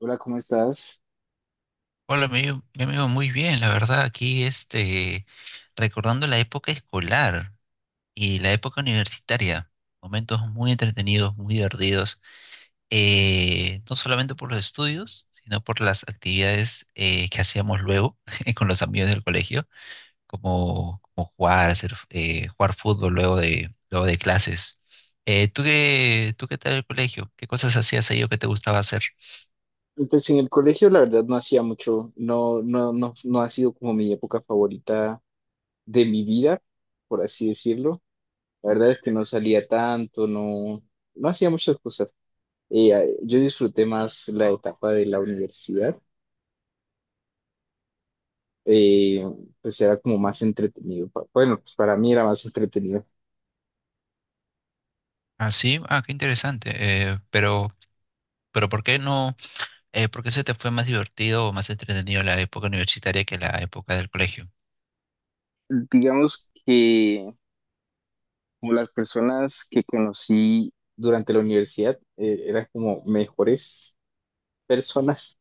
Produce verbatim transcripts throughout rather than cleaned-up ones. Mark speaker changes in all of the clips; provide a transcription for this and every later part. Speaker 1: Hola, ¿cómo estás?
Speaker 2: Hola, mi amigo, mi amigo, muy bien, la verdad, aquí este, recordando la época escolar y la época universitaria, momentos muy entretenidos, muy divertidos, eh, no solamente por los estudios, sino por las actividades eh, que hacíamos luego con los amigos del colegio, como, como jugar, hacer, eh, jugar fútbol luego de, luego de clases. Eh, ¿tú qué, tú qué tal el colegio? ¿Qué cosas hacías ahí o qué te gustaba hacer?
Speaker 1: Pues en el colegio la verdad no hacía mucho, no, no, no, no ha sido como mi época favorita de mi vida, por así decirlo. La verdad es que no salía tanto, no, no hacía muchas cosas. Eh, eh, yo disfruté más la etapa de la universidad, eh, pues era como más entretenido. Pa- Bueno, pues para mí era más entretenido.
Speaker 2: Ah, sí, ah, qué interesante, eh, pero, pero ¿por qué no? Eh, ¿por qué se te fue más divertido o más entretenido la época universitaria que la época del colegio?
Speaker 1: Digamos que como las personas que conocí durante la universidad eh, eran como mejores personas.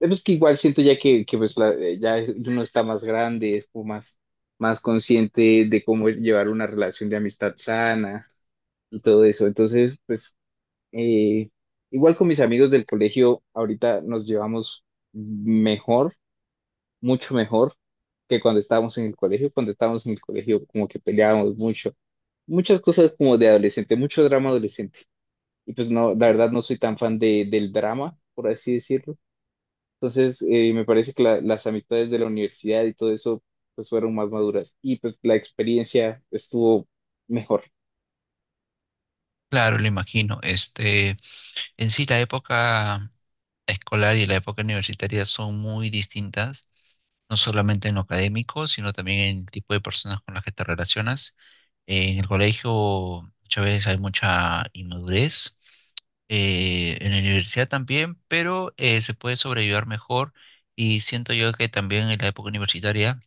Speaker 1: Eh, Pues que igual siento ya que, que pues la- eh, ya uno está más grande, es como más, más consciente de cómo llevar una relación de amistad sana y todo eso. Entonces, pues eh, igual con mis amigos del colegio, ahorita nos llevamos mejor, mucho mejor que cuando estábamos en el colegio. Cuando estábamos en el colegio, como que peleábamos mucho. Muchas cosas como de adolescente, mucho drama adolescente. Y pues no, la verdad no soy tan fan de, del drama, por así decirlo, entonces, eh, me parece que la- las amistades de la universidad y todo eso pues fueron más maduras y pues la experiencia estuvo mejor.
Speaker 2: Claro, lo imagino. Este, en sí, la época escolar y la época universitaria son muy distintas, no solamente en lo académico, sino también en el tipo de personas con las que te relacionas. Eh, en el colegio muchas veces hay mucha inmadurez, eh, en la universidad también, pero eh, se puede sobrevivir mejor y siento yo que también en la época universitaria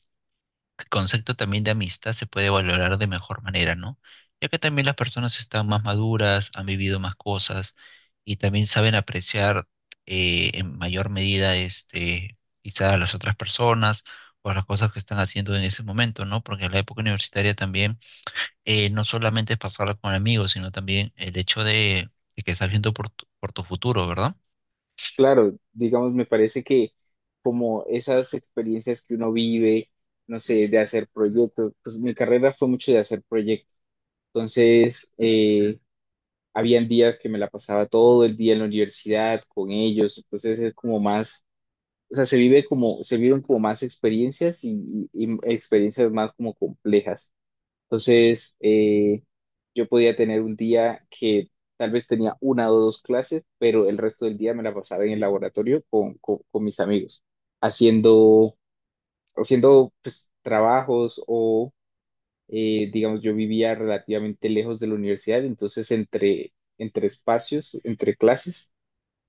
Speaker 2: concepto también de amistad se puede valorar de mejor manera, ¿no? Ya que también las personas están más maduras, han vivido más cosas y también saben apreciar eh, en mayor medida este, quizá a las otras personas o a las cosas que están haciendo en ese momento, ¿no? Porque en la época universitaria también eh, no solamente es pasarla con amigos, sino también el hecho de, de que estás viendo por tu, por tu futuro, ¿verdad?
Speaker 1: Claro, digamos, me parece que como esas experiencias que uno vive, no sé, de hacer proyectos, pues mi carrera fue mucho de hacer proyectos. Entonces, eh, habían días que me la pasaba todo el día en la universidad con ellos, entonces es como más, o sea, se vive como, se vieron como más experiencias y y- y experiencias más como complejas. Entonces, eh, yo podía tener un día que tal vez tenía una o dos clases, pero el resto del día me la pasaba en el laboratorio con, con- con mis amigos, haciendo, haciendo pues trabajos o, eh, digamos, yo vivía relativamente lejos de la universidad, entonces entre, entre espacios, entre clases,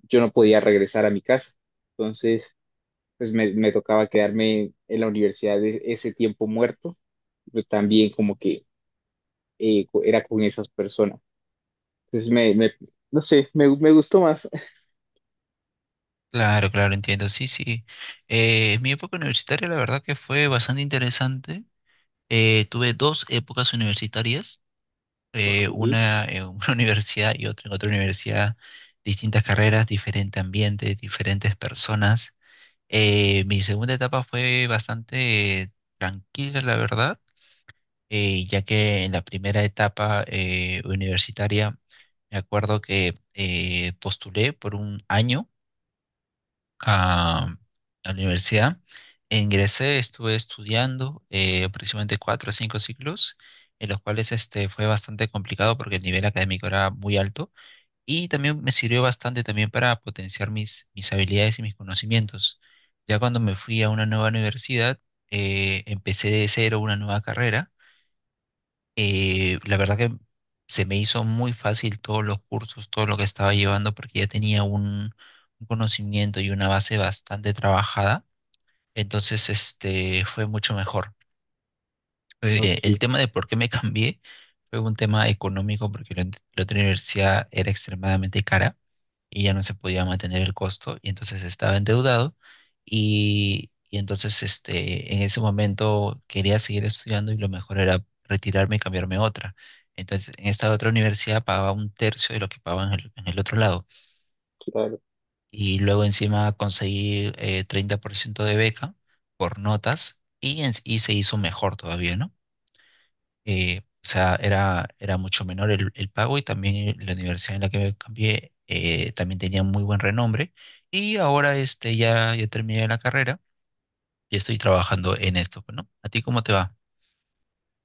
Speaker 1: yo no podía regresar a mi casa. Entonces, pues me, me tocaba quedarme en la universidad e- ese tiempo muerto, pues también como que eh, co- era con esas personas. Entonces me, me- no sé, me, me gustó más.
Speaker 2: Claro, claro, entiendo. Sí, sí. Eh, mi época universitaria, la verdad que fue bastante interesante. Eh, tuve dos épocas universitarias,
Speaker 1: Ok,
Speaker 2: eh, una en una universidad y otra en otra universidad, distintas carreras, diferente ambiente, diferentes personas. Eh, mi segunda etapa fue bastante eh, tranquila, la verdad, eh, ya que en la primera etapa eh, universitaria me acuerdo que eh, postulé por un año a, a la universidad. Ingresé, estuve estudiando eh, aproximadamente cuatro o cinco ciclos, en los cuales este, fue bastante complicado porque el nivel académico era muy alto y también me sirvió bastante también para potenciar mis, mis habilidades y mis conocimientos. Ya cuando me fui a una nueva universidad, eh, empecé de cero una nueva carrera eh, la verdad que se me hizo muy fácil todos los cursos, todo lo que estaba llevando, porque ya tenía un, un conocimiento y una base bastante trabajada. Entonces, este, fue mucho mejor. Eh, el
Speaker 1: ok,
Speaker 2: tema de por qué me cambié fue un tema económico, porque la, la otra universidad era extremadamente cara y ya no se podía mantener el costo y entonces estaba endeudado y, y entonces este, en ese momento quería seguir estudiando y lo mejor era retirarme y cambiarme a otra. Entonces en esta otra universidad pagaba un tercio de lo que pagaba en el, en el otro lado
Speaker 1: claro.
Speaker 2: y luego encima conseguí eh, treinta por ciento de beca por notas y, en- y se hizo mejor todavía, ¿no? eh, o sea, era, era mucho menor el, el pago y también la universidad en la que me cambié eh, también tenía muy buen renombre. Y ahora este, ya, ya terminé la carrera y estoy trabajando en esto, pues, ¿no? ¿A ti cómo te va?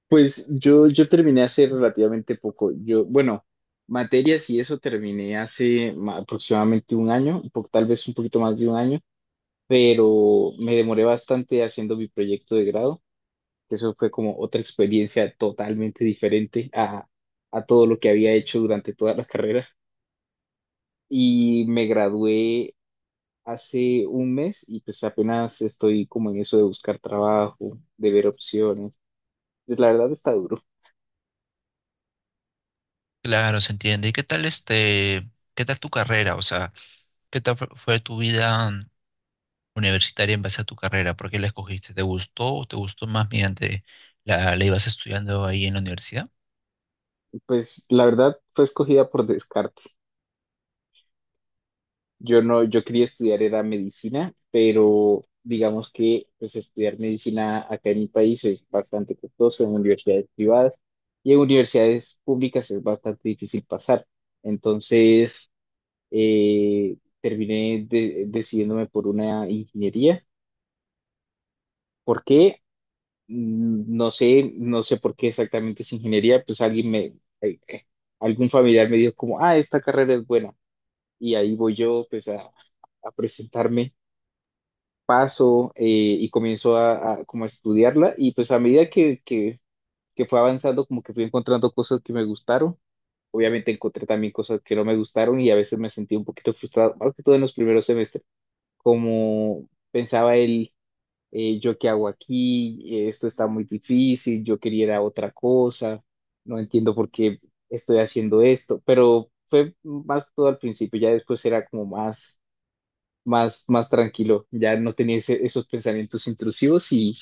Speaker 1: Pues yo, yo terminé hace relativamente poco. Yo, bueno, materias y eso terminé hace ma- aproximadamente un año, un po- tal vez un poquito más de un año, pero me demoré bastante haciendo mi proyecto de grado. Que Eso fue como otra experiencia totalmente diferente a, a todo lo que había hecho durante toda la carrera. Y me gradué hace un mes y pues apenas estoy como en eso de buscar trabajo, de ver opciones. Pues la verdad está duro.
Speaker 2: Claro, se entiende. ¿Y qué tal este, qué tal tu carrera? O sea, ¿qué tal fu- fue tu vida universitaria en base a tu carrera? ¿Por qué la escogiste? ¿Te gustó o te gustó más mediante la, la ibas estudiando ahí en la universidad?
Speaker 1: Pues la verdad fue escogida por descarte. Yo no, Yo quería estudiar era medicina, pero digamos que pues estudiar medicina acá en mi país es bastante costoso en universidades privadas y en universidades públicas es bastante difícil pasar. Entonces, eh, terminé de- decidiéndome por una ingeniería. ¿Por qué? No sé, no sé por qué exactamente es ingeniería, pues alguien me, eh, eh, algún familiar me dijo como, ah, esta carrera es buena. Y ahí voy yo, pues a, a presentarme, paso eh, y comienzo a, a como a estudiarla y pues a medida que, que, que fue avanzando, como que fui encontrando cosas que me gustaron. Obviamente encontré también cosas que no me gustaron y a veces me sentí un poquito frustrado, más que todo en los primeros semestres, como pensaba él, eh, yo qué hago aquí, eh, esto está muy difícil, yo quería ir a otra cosa, no entiendo por qué estoy haciendo esto, pero fue más todo al principio, ya después era como más, más, más tranquilo, ya no tenía ese- esos pensamientos intrusivos y,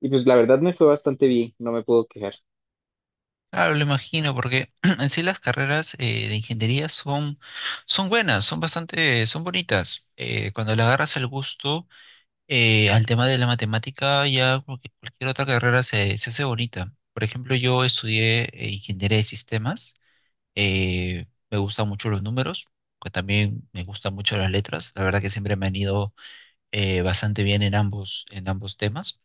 Speaker 1: y pues la verdad me fue bastante bien, no me puedo quejar.
Speaker 2: Claro, lo imagino, porque en sí las carreras eh, de ingeniería son, son buenas, son bastante, son bonitas. Eh, cuando le agarras el gusto eh, al tema de la matemática, ya cualquier cualquier otra carrera se, se hace bonita. Por ejemplo, yo estudié eh, ingeniería de sistemas, eh, me gustan mucho los números, que también me gustan mucho las letras. La verdad que siempre me han ido eh, bastante bien en ambos, en ambos temas.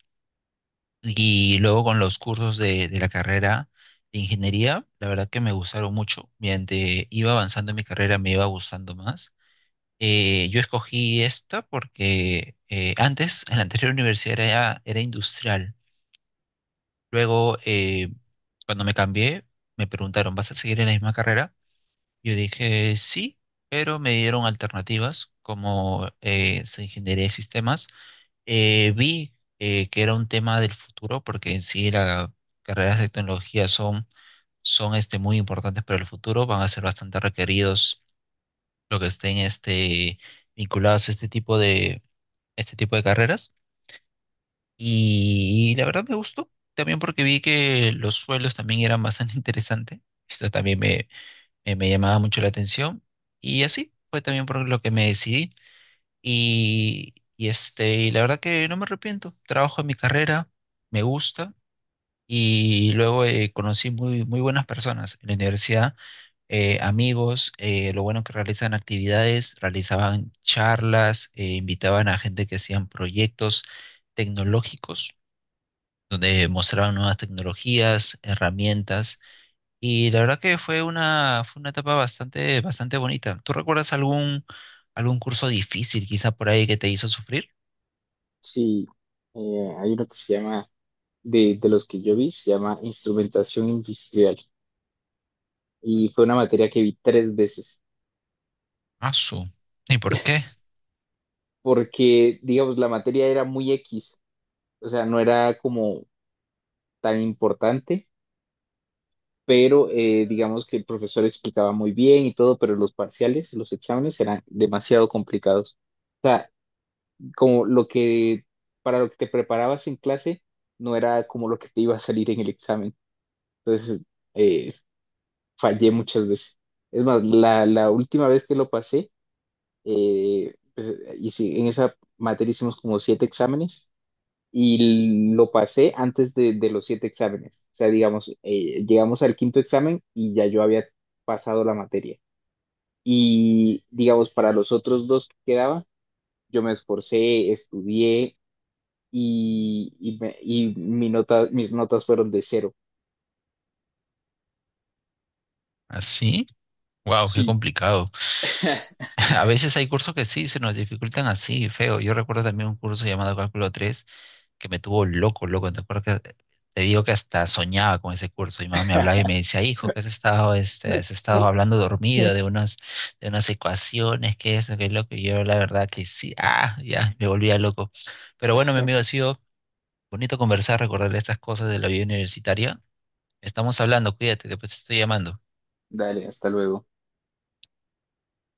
Speaker 2: Y luego con los cursos de, de la carrera de ingeniería, la verdad que me gustaron mucho. Mediante iba avanzando en mi carrera, me iba gustando más. Eh, yo escogí esta porque eh, antes, en la anterior universidad era, era industrial. Luego, eh, cuando me cambié, me preguntaron, ¿vas a seguir en la misma carrera? Yo dije, sí, pero me dieron alternativas como eh, ingeniería de sistemas eh, vi eh, que era un tema del futuro, porque en sí las carreras de tecnología son, son este, muy importantes para el futuro, van a ser bastante requeridos lo que estén este, vinculados a este tipo de, este tipo de carreras. Y, la verdad me gustó, también porque vi que los suelos también eran bastante interesantes. Esto también me, me, me llamaba mucho la atención. Y así fue también por lo que me decidí. Y, y, este, y la verdad que no me arrepiento. Trabajo en mi carrera, me gusta. Y luego eh, conocí muy, muy buenas personas en la universidad, eh, amigos, eh, lo bueno que realizan actividades, realizaban charlas, eh, invitaban a gente que hacían proyectos tecnológicos, donde mostraban nuevas tecnologías, herramientas. Y la verdad que fue una, fue una etapa bastante, bastante bonita. ¿Tú recuerdas algún, algún curso difícil quizá por ahí que te hizo sufrir?
Speaker 1: Sí, eh, hay uno que se llama, de, de los que yo vi, se llama Instrumentación Industrial y fue una materia que vi tres veces.
Speaker 2: Asu. ¿Y por qué?
Speaker 1: Porque, digamos, la materia era muy X, o sea, no era como tan importante, pero eh, digamos que el profesor explicaba muy bien y todo, pero los parciales, los exámenes eran demasiado complicados. O sea, como lo que, para lo que te preparabas en clase, no era como lo que te iba a salir en el examen. Entonces, eh, fallé muchas veces. Es más, la, la última vez que lo pasé, eh, pues, y sí, en esa materia hicimos como siete exámenes y lo pasé antes de, de los siete exámenes. O sea, digamos, eh, llegamos al quinto examen y ya yo había pasado la materia. Y digamos, para los otros dos que quedaban, yo me esforcé, estudié y, y, me- y mi nota, mis notas fueron de cero.
Speaker 2: ¿Así? Wow, qué
Speaker 1: Sí.
Speaker 2: complicado. A veces hay cursos que sí se nos dificultan así, feo. Yo recuerdo también un curso llamado Cálculo tres que me tuvo loco, loco. Te acuerdas que te digo que hasta soñaba con ese curso. Mi mamá me hablaba y me decía, hijo, que has estado, este, has estado hablando dormido de unas, de unas, ecuaciones, que eso, que loco. Y yo la verdad que sí, ah, ya, me volvía loco. Pero bueno, mi amigo, ha sido bonito conversar, recordar estas cosas de la vida universitaria. Estamos hablando, cuídate, después te estoy llamando.
Speaker 1: Dale, hasta luego.